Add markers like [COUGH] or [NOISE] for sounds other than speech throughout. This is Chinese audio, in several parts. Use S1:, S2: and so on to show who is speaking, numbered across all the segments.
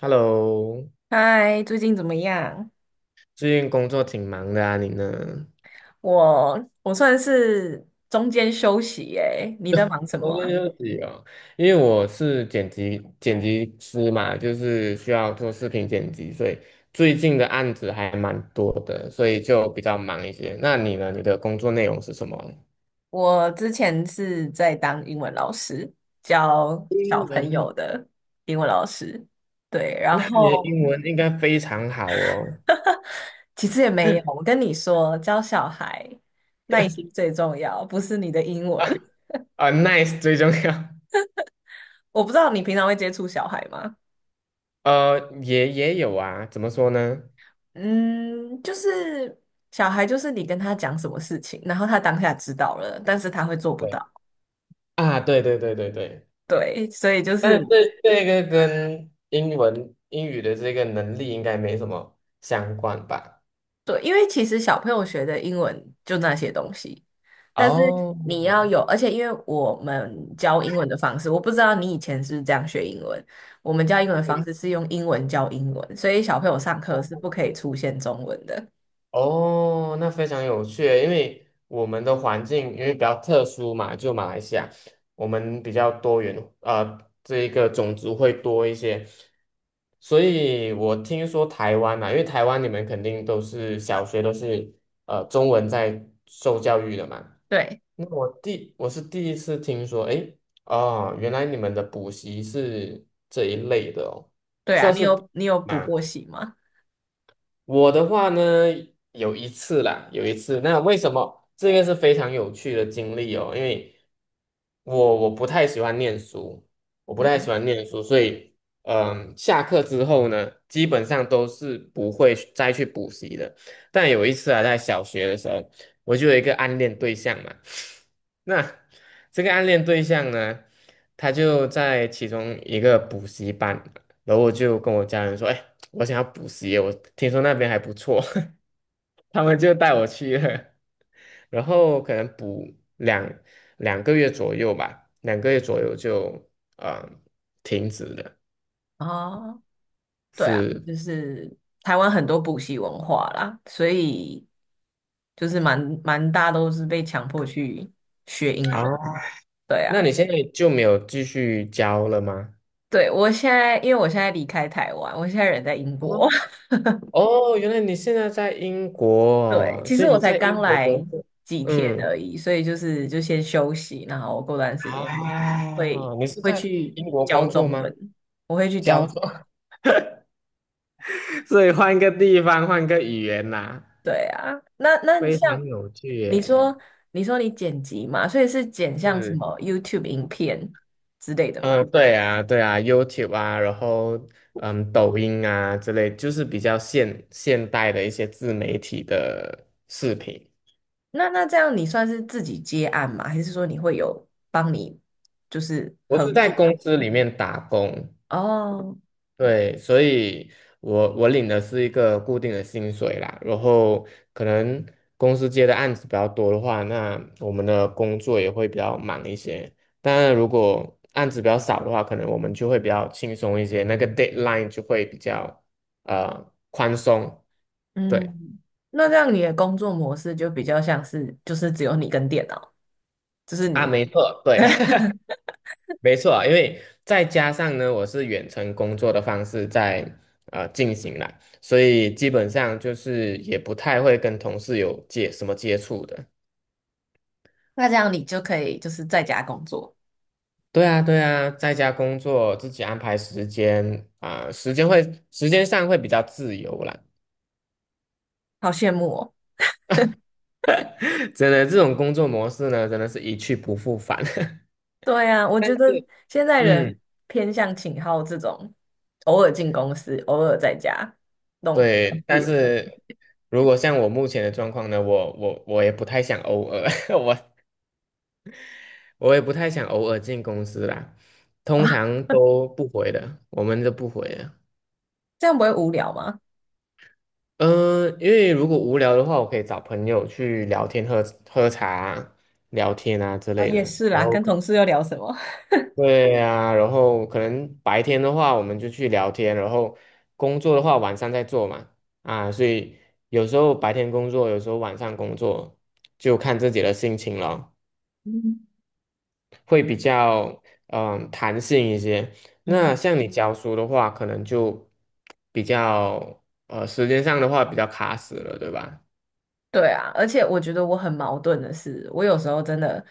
S1: Hello，
S2: 嗨，最近怎么样？
S1: 最近工作挺忙的啊，你呢？
S2: 我算是中间休息耶，你在忙什么
S1: 中间
S2: 啊？
S1: 休息哦，因为我是剪辑师嘛，就是需要做视频剪辑，所以最近的案子还蛮多的，所以就比较忙一些。那你呢？你的工作内容是什么？
S2: 我之前是在当英文老师，教小
S1: 英
S2: 朋
S1: 文哦。
S2: 友的英文老师。对，然
S1: 那你的
S2: 后
S1: 英文应该非常好哦。
S2: 其实也没有，
S1: [LAUGHS]
S2: 我跟你说，教小孩耐心最重要，不是你的英
S1: 啊
S2: 文。
S1: 啊，nice 最重要。
S2: [LAUGHS] 我不知道你平常会接触小孩吗？
S1: 也有啊，怎么说呢？
S2: 嗯，就是小孩，就是你跟他讲什么事情，然后他当下知道了，但是他会做不
S1: 对
S2: 到。
S1: 啊，对对对对对，
S2: 对，所以就
S1: 但是
S2: 是
S1: 这个跟英文英语的这个能力应该没什么相关吧？
S2: 对，因为其实小朋友学的英文就那些东西，但是
S1: 哦，
S2: 你要有，而且因为我们教英文的方式，我不知道你以前是不是这样学英文，我们教英文的方
S1: 嗯
S2: 式是用英文教英文，所以小朋友上课是不可以出现中文的。
S1: 哦，那非常有趣，因为我们的环境因为比较特殊嘛，就马来西亚，我们比较多元，这一个种族会多一些，所以我听说台湾嘛，因为台湾你们肯定都是小学都是中文在受教育的嘛。
S2: 对，
S1: 那我是第一次听说，诶，啊，原来你们的补习是这一类的哦，
S2: 对啊，
S1: 算
S2: 你
S1: 是补
S2: 有你有补
S1: 吗？
S2: 过习吗？
S1: 我的话呢，有一次啦，有一次，那为什么这个是非常有趣的经历哦？因为我不太喜欢念书，我不太
S2: 嗯，
S1: 喜欢念书，所以下课之后呢，基本上都是不会去再去补习的。但有一次啊，在小学的时候，我就有一个暗恋对象嘛。那这个暗恋对象呢，他就在其中一个补习班，然后我就跟我家人说："哎，我想要补习，我听说那边还不错。" [LAUGHS] 他们就带我去了，然后可能补两个月左右吧，两个月左右就呃停止了。
S2: 哦，对啊，
S1: 是
S2: 就是台湾很多补习文化啦，所以就是蛮大都是被强迫去学英文。
S1: 啊，
S2: 对啊。
S1: 那你现在就没有继续教了吗？
S2: 对，我现在，因为我现在离开台湾，我现在人在英
S1: 哦，
S2: 国。[LAUGHS]
S1: 哦，原来你现在在英国
S2: 对，
S1: 哦，
S2: 其实
S1: 所以
S2: 我
S1: 你
S2: 才
S1: 在
S2: 刚
S1: 英国工
S2: 来
S1: 作，
S2: 几天
S1: 嗯。
S2: 而已，所以就是就先休息，然后过段时间会
S1: 啊，你是
S2: 会
S1: 在
S2: 去
S1: 英国
S2: 教
S1: 工作
S2: 中
S1: 吗？
S2: 文，我会去教
S1: 交
S2: 中。
S1: 作，[LAUGHS] 所以换个地方，换个语言啦，
S2: 对啊，那
S1: 非
S2: 像
S1: 常有趣
S2: 你
S1: 耶。
S2: 说，你说你剪辑嘛，所以是剪像什
S1: 是，
S2: 么 YouTube 影片之类的吗？
S1: 嗯，对啊，对啊，YouTube 啊，然后抖音啊之类，就是比较现代的一些自媒体的视频。
S2: 那这样你算是自己接案吗？还是说你会有帮你就是
S1: 我
S2: 合
S1: 是在
S2: 作？
S1: 公司里面打工，
S2: 哦
S1: 对，所以我领的是一个固定的薪水啦，然后可能公司接的案子比较多的话，那我们的工作也会比较忙一些。当然，如果案子比较少的话，可能我们就会比较轻松一些，那个 deadline 就会比较宽松。对，
S2: 嗯，那这样你的工作模式就比较像是，就是只有你跟电脑，就是
S1: 啊，
S2: 你，
S1: 没错，对。
S2: [LAUGHS]
S1: 没错啊，因为再加上呢，我是远程工作的方式在进行啦，所以基本上就是也不太会跟同事有接什么接触的。
S2: 那这样你就可以就是在家工作，
S1: 对啊，对啊，在家工作，自己安排时间啊，时间上会比较自由啦。
S2: 好羡慕哦。
S1: [LAUGHS] 真的，这种工作模式呢，真的是一去不复返。
S2: 对啊，
S1: [LAUGHS]
S2: 我
S1: 但
S2: 觉得
S1: 是，
S2: 现在人
S1: 嗯，
S2: 偏向请好这种，偶尔进公司，偶尔在家，那种比较
S1: 对，
S2: 自
S1: 但
S2: 由
S1: 是如果像我目前的状况呢，我也不太想偶尔，[LAUGHS] 我我也不太想偶尔进公司啦，
S2: 的
S1: 通
S2: 啊，
S1: 常都不回的，我们都不回的。
S2: [LAUGHS] 这样不会无聊吗？
S1: 嗯、因为如果无聊的话，我可以找朋友去聊天、喝茶啊聊天啊之
S2: 啊，
S1: 类的。
S2: 也是啦，
S1: 然后
S2: 跟
S1: 可
S2: 同事又聊什么？
S1: 对啊，然后可能白天的话，我们就去聊天，然后工作的话，晚上再做嘛。啊，所以有时候白天工作，有时候晚上工作，就看自己的心情了。
S2: [LAUGHS] 嗯
S1: 会比较弹性一些。
S2: 嗯。
S1: 那像你教书的话，可能就比较时间上的话比较卡死了，对吧？
S2: 对啊，而且我觉得我很矛盾的是，我有时候真的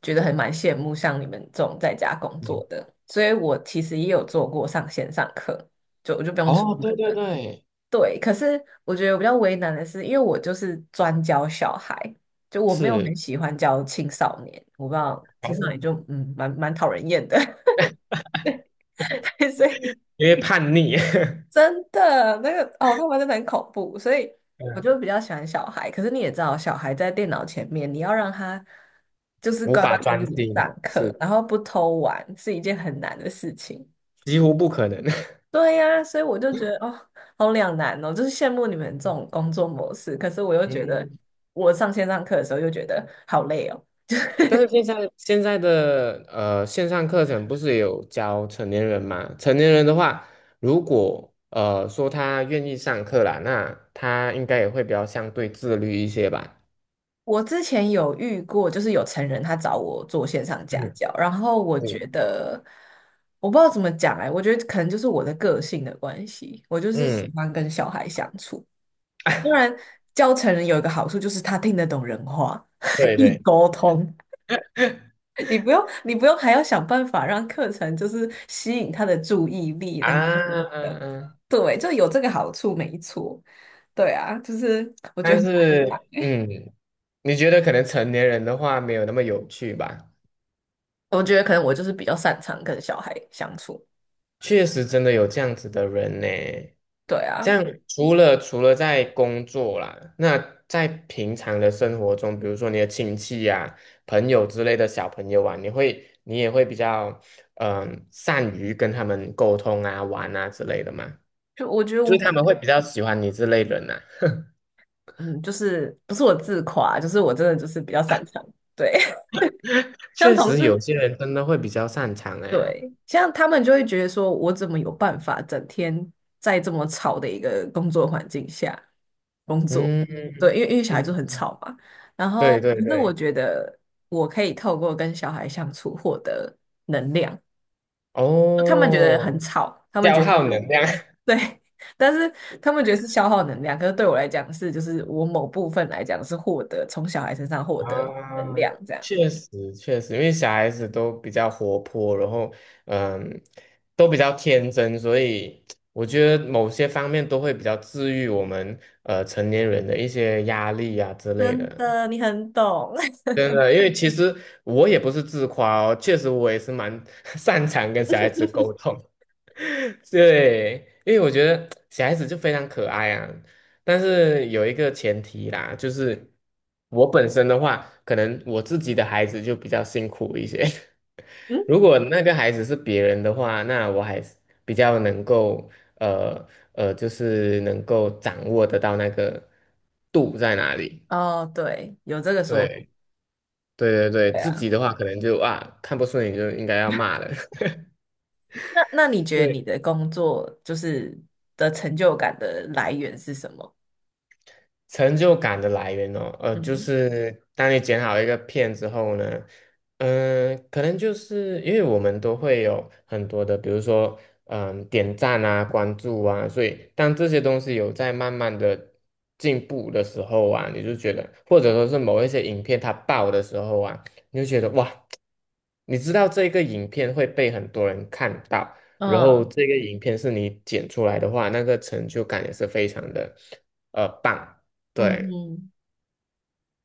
S2: 觉得很羡慕像你们这种在家工
S1: 嗯
S2: 作的，所以我其实也有做过上线上课，就我就不用出
S1: 哦，对
S2: 门。
S1: 对对，
S2: 对，可是我觉得我比较为难的是，因为我就是专教小孩，就我没有很
S1: 是，
S2: 喜欢教青少年，我不知道青少年就
S1: 哦
S2: 蛮讨人厌的，[LAUGHS] 所以
S1: 因为叛逆，
S2: 真的，那个哦，他们真的很恐怖，所以我
S1: [LAUGHS]
S2: 就比较喜欢小孩。可是你也知道，小孩在电脑前面，你要让他就是
S1: 无
S2: 乖乖
S1: 法
S2: 跟着
S1: 专
S2: 你
S1: 心，
S2: 上课，
S1: 是
S2: 然后不偷玩，是一件很难的事情。
S1: 几乎不可能。
S2: 对呀，所以我就觉得哦，好两难哦，就是羡慕你们这种
S1: [LAUGHS]
S2: 工作模式，可是我又觉得
S1: 嗯
S2: 我上线上课的时候又觉得好累哦。
S1: 但是现在的线上课程不是也有教成年人嘛？成年人的话，如果说他愿意上课啦，那他应该也会比较相对自律一些吧？
S2: 我之前有遇过，就是有成人他找我做线上家
S1: 嗯，
S2: 教，然后我
S1: 对，
S2: 觉得我不知道怎么讲哎、我觉得可能就是我的个性的关系，我就是喜
S1: 嗯，
S2: 欢跟小孩相处。当然，
S1: [LAUGHS]
S2: 教成人有一个好处就是他听得懂人话，[LAUGHS] 可
S1: 对
S2: 以
S1: 对
S2: 沟通，你不用还要想办法让课程就是吸引他的注意力
S1: 啊，
S2: 的，呃
S1: 嗯嗯，
S2: 对，就有这个好处没错。对啊，就是我觉
S1: 但
S2: 得很，
S1: 是你觉得可能成年人的话没有那么有趣吧？
S2: 我觉得可能我就是比较擅长跟小孩相处。
S1: 确实真的有这样子的人呢。
S2: 对
S1: 这
S2: 啊，
S1: 样除了在工作啦，那在平常的生活中，比如说你的亲戚呀、朋友之类的小朋友啊，你也会比较善于跟他们沟通啊、玩啊之类的嘛，
S2: 就我觉得
S1: 就
S2: 我
S1: 是他
S2: 本
S1: 们会比较喜欢你这类人呐、
S2: 嗯，就是不是我自夸，就是我真的就是比较擅长。对，[LAUGHS] 像
S1: 确
S2: 同
S1: 实有
S2: 事，
S1: 些人真的会比较擅长哎、
S2: 对，像他们就会觉得说，我怎么有办法整天在这么吵的一个工作环境下工作？
S1: 嗯
S2: 对，因为小孩就很
S1: 嗯，
S2: 吵嘛。然后，
S1: 对对
S2: 可是我
S1: 对，
S2: 觉得我可以透过跟小孩相处获得能量。他们觉得很
S1: 哦，
S2: 吵，他们
S1: 消
S2: 觉得他
S1: 耗能
S2: 们
S1: 量。[LAUGHS]
S2: 对，[LAUGHS] 但是他们觉得是消耗能量，可是对我来讲是，就是我某部分来讲是获得从小孩身上获得
S1: 啊，
S2: 能量，这样。
S1: 确实确实，因为小孩子都比较活泼，然后嗯，都比较天真，所以我觉得某些方面都会比较治愈我们成年人的一些压力啊之类
S2: 真
S1: 的。
S2: 的，你很懂。[LAUGHS]
S1: 真的，因为其实我也不是自夸哦，确实我也是蛮 [LAUGHS] 擅长跟小孩子沟通。[LAUGHS] 对，因为我觉得小孩子就非常可爱啊，但是有一个前提啦，就是我本身的话，可能我自己的孩子就比较辛苦一些。
S2: 嗯，
S1: [LAUGHS] 如果那个孩子是别人的话，那我还是比较能够呃就是能够掌握得到那个度在哪里。
S2: 哦，对，有这个说法，
S1: 对。对对对，
S2: 对
S1: 自
S2: 啊。
S1: 己的话可能就啊看不顺眼就应该要骂了。[LAUGHS]
S2: 那那你觉得你
S1: 对，
S2: 的工作就是的成就感的来源是什么？
S1: 成就感的来源哦，就
S2: 嗯
S1: 是当你剪好一个片之后呢，可能就是因为我们都会有很多的，比如说，点赞啊、关注啊，所以当这些东西有在慢慢的进步的时候啊，你就觉得，或者说是某一些影片它爆的时候啊，你就觉得哇，你知道这个影片会被很多人看到，然后
S2: 嗯
S1: 这个影片是你剪出来的话，那个成就感也是非常的，棒。
S2: 嗯
S1: 对，
S2: 哼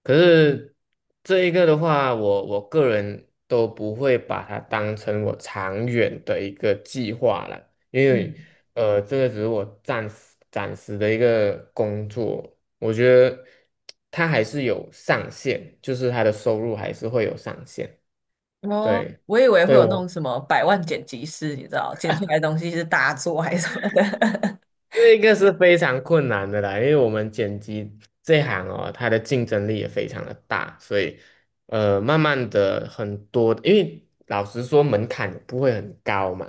S1: 可是这一个的话，我个人都不会把它当成我长远的一个计划了，因
S2: 嗯，
S1: 为这个只是我暂时的一个工作，我觉得它还是有上限，就是它的收入还是会有上限，
S2: 哦，
S1: 对，
S2: 我以为会
S1: 对
S2: 有那
S1: 我
S2: 种什么百万剪辑师，你知道，剪出来的东西是大作还是什么的。[LAUGHS]
S1: 这个是非常困难的啦，因为我们剪辑这行哦，它的竞争力也非常的大，所以慢慢的很多，因为老实说门槛也不会很高嘛，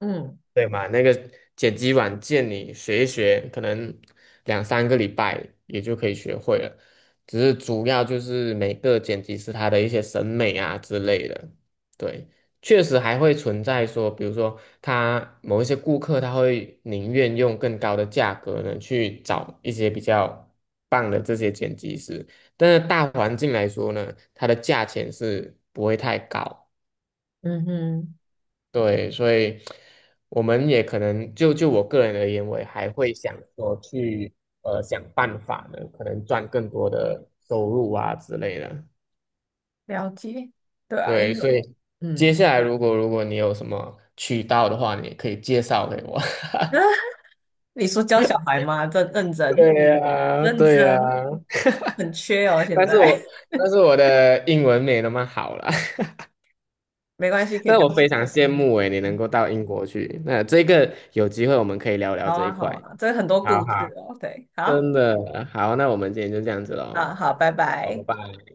S2: 嗯
S1: 对嘛？那个剪辑软件你学一学，可能两三个礼拜也就可以学会了。只是主要就是每个剪辑师他的一些审美啊之类的。对，确实还会存在说，比如说他某一些顾客他会宁愿用更高的价格呢去找一些比较棒的这些剪辑师，但是大环境来说呢，它的价钱是不会太高。
S2: 嗯哼，
S1: 对，所以我们也可能就我个人而言，我也还会想说去想办法呢，可能赚更多的收入啊之类的。
S2: 了解，对啊，
S1: 对，
S2: 因为
S1: 所以接
S2: 嗯，
S1: 下来如果你有什么渠道的话，你也可以介绍给我。[LAUGHS]
S2: [LAUGHS] 你说教小孩吗？
S1: 对呀，
S2: 认
S1: 对呀，
S2: 真，很缺哦，现
S1: 但是我
S2: 在
S1: 但是我的英文没那么好啦，[LAUGHS]
S2: [LAUGHS] 没关系，可
S1: 但
S2: 以
S1: 是
S2: 教
S1: 我
S2: 起
S1: 非常
S2: 来。
S1: 羡慕诶，你能
S2: 嗯，
S1: 够到英国去。那这个有机会我们可以聊聊
S2: 好
S1: 这一
S2: 啊，
S1: 块。
S2: 好啊，这很多
S1: 好
S2: 故
S1: 好，
S2: 事哦，对，好，
S1: 真的好，那我们今天就这样子
S2: 好
S1: 喽。
S2: 啊，拜
S1: 好，拜
S2: 拜。
S1: 拜。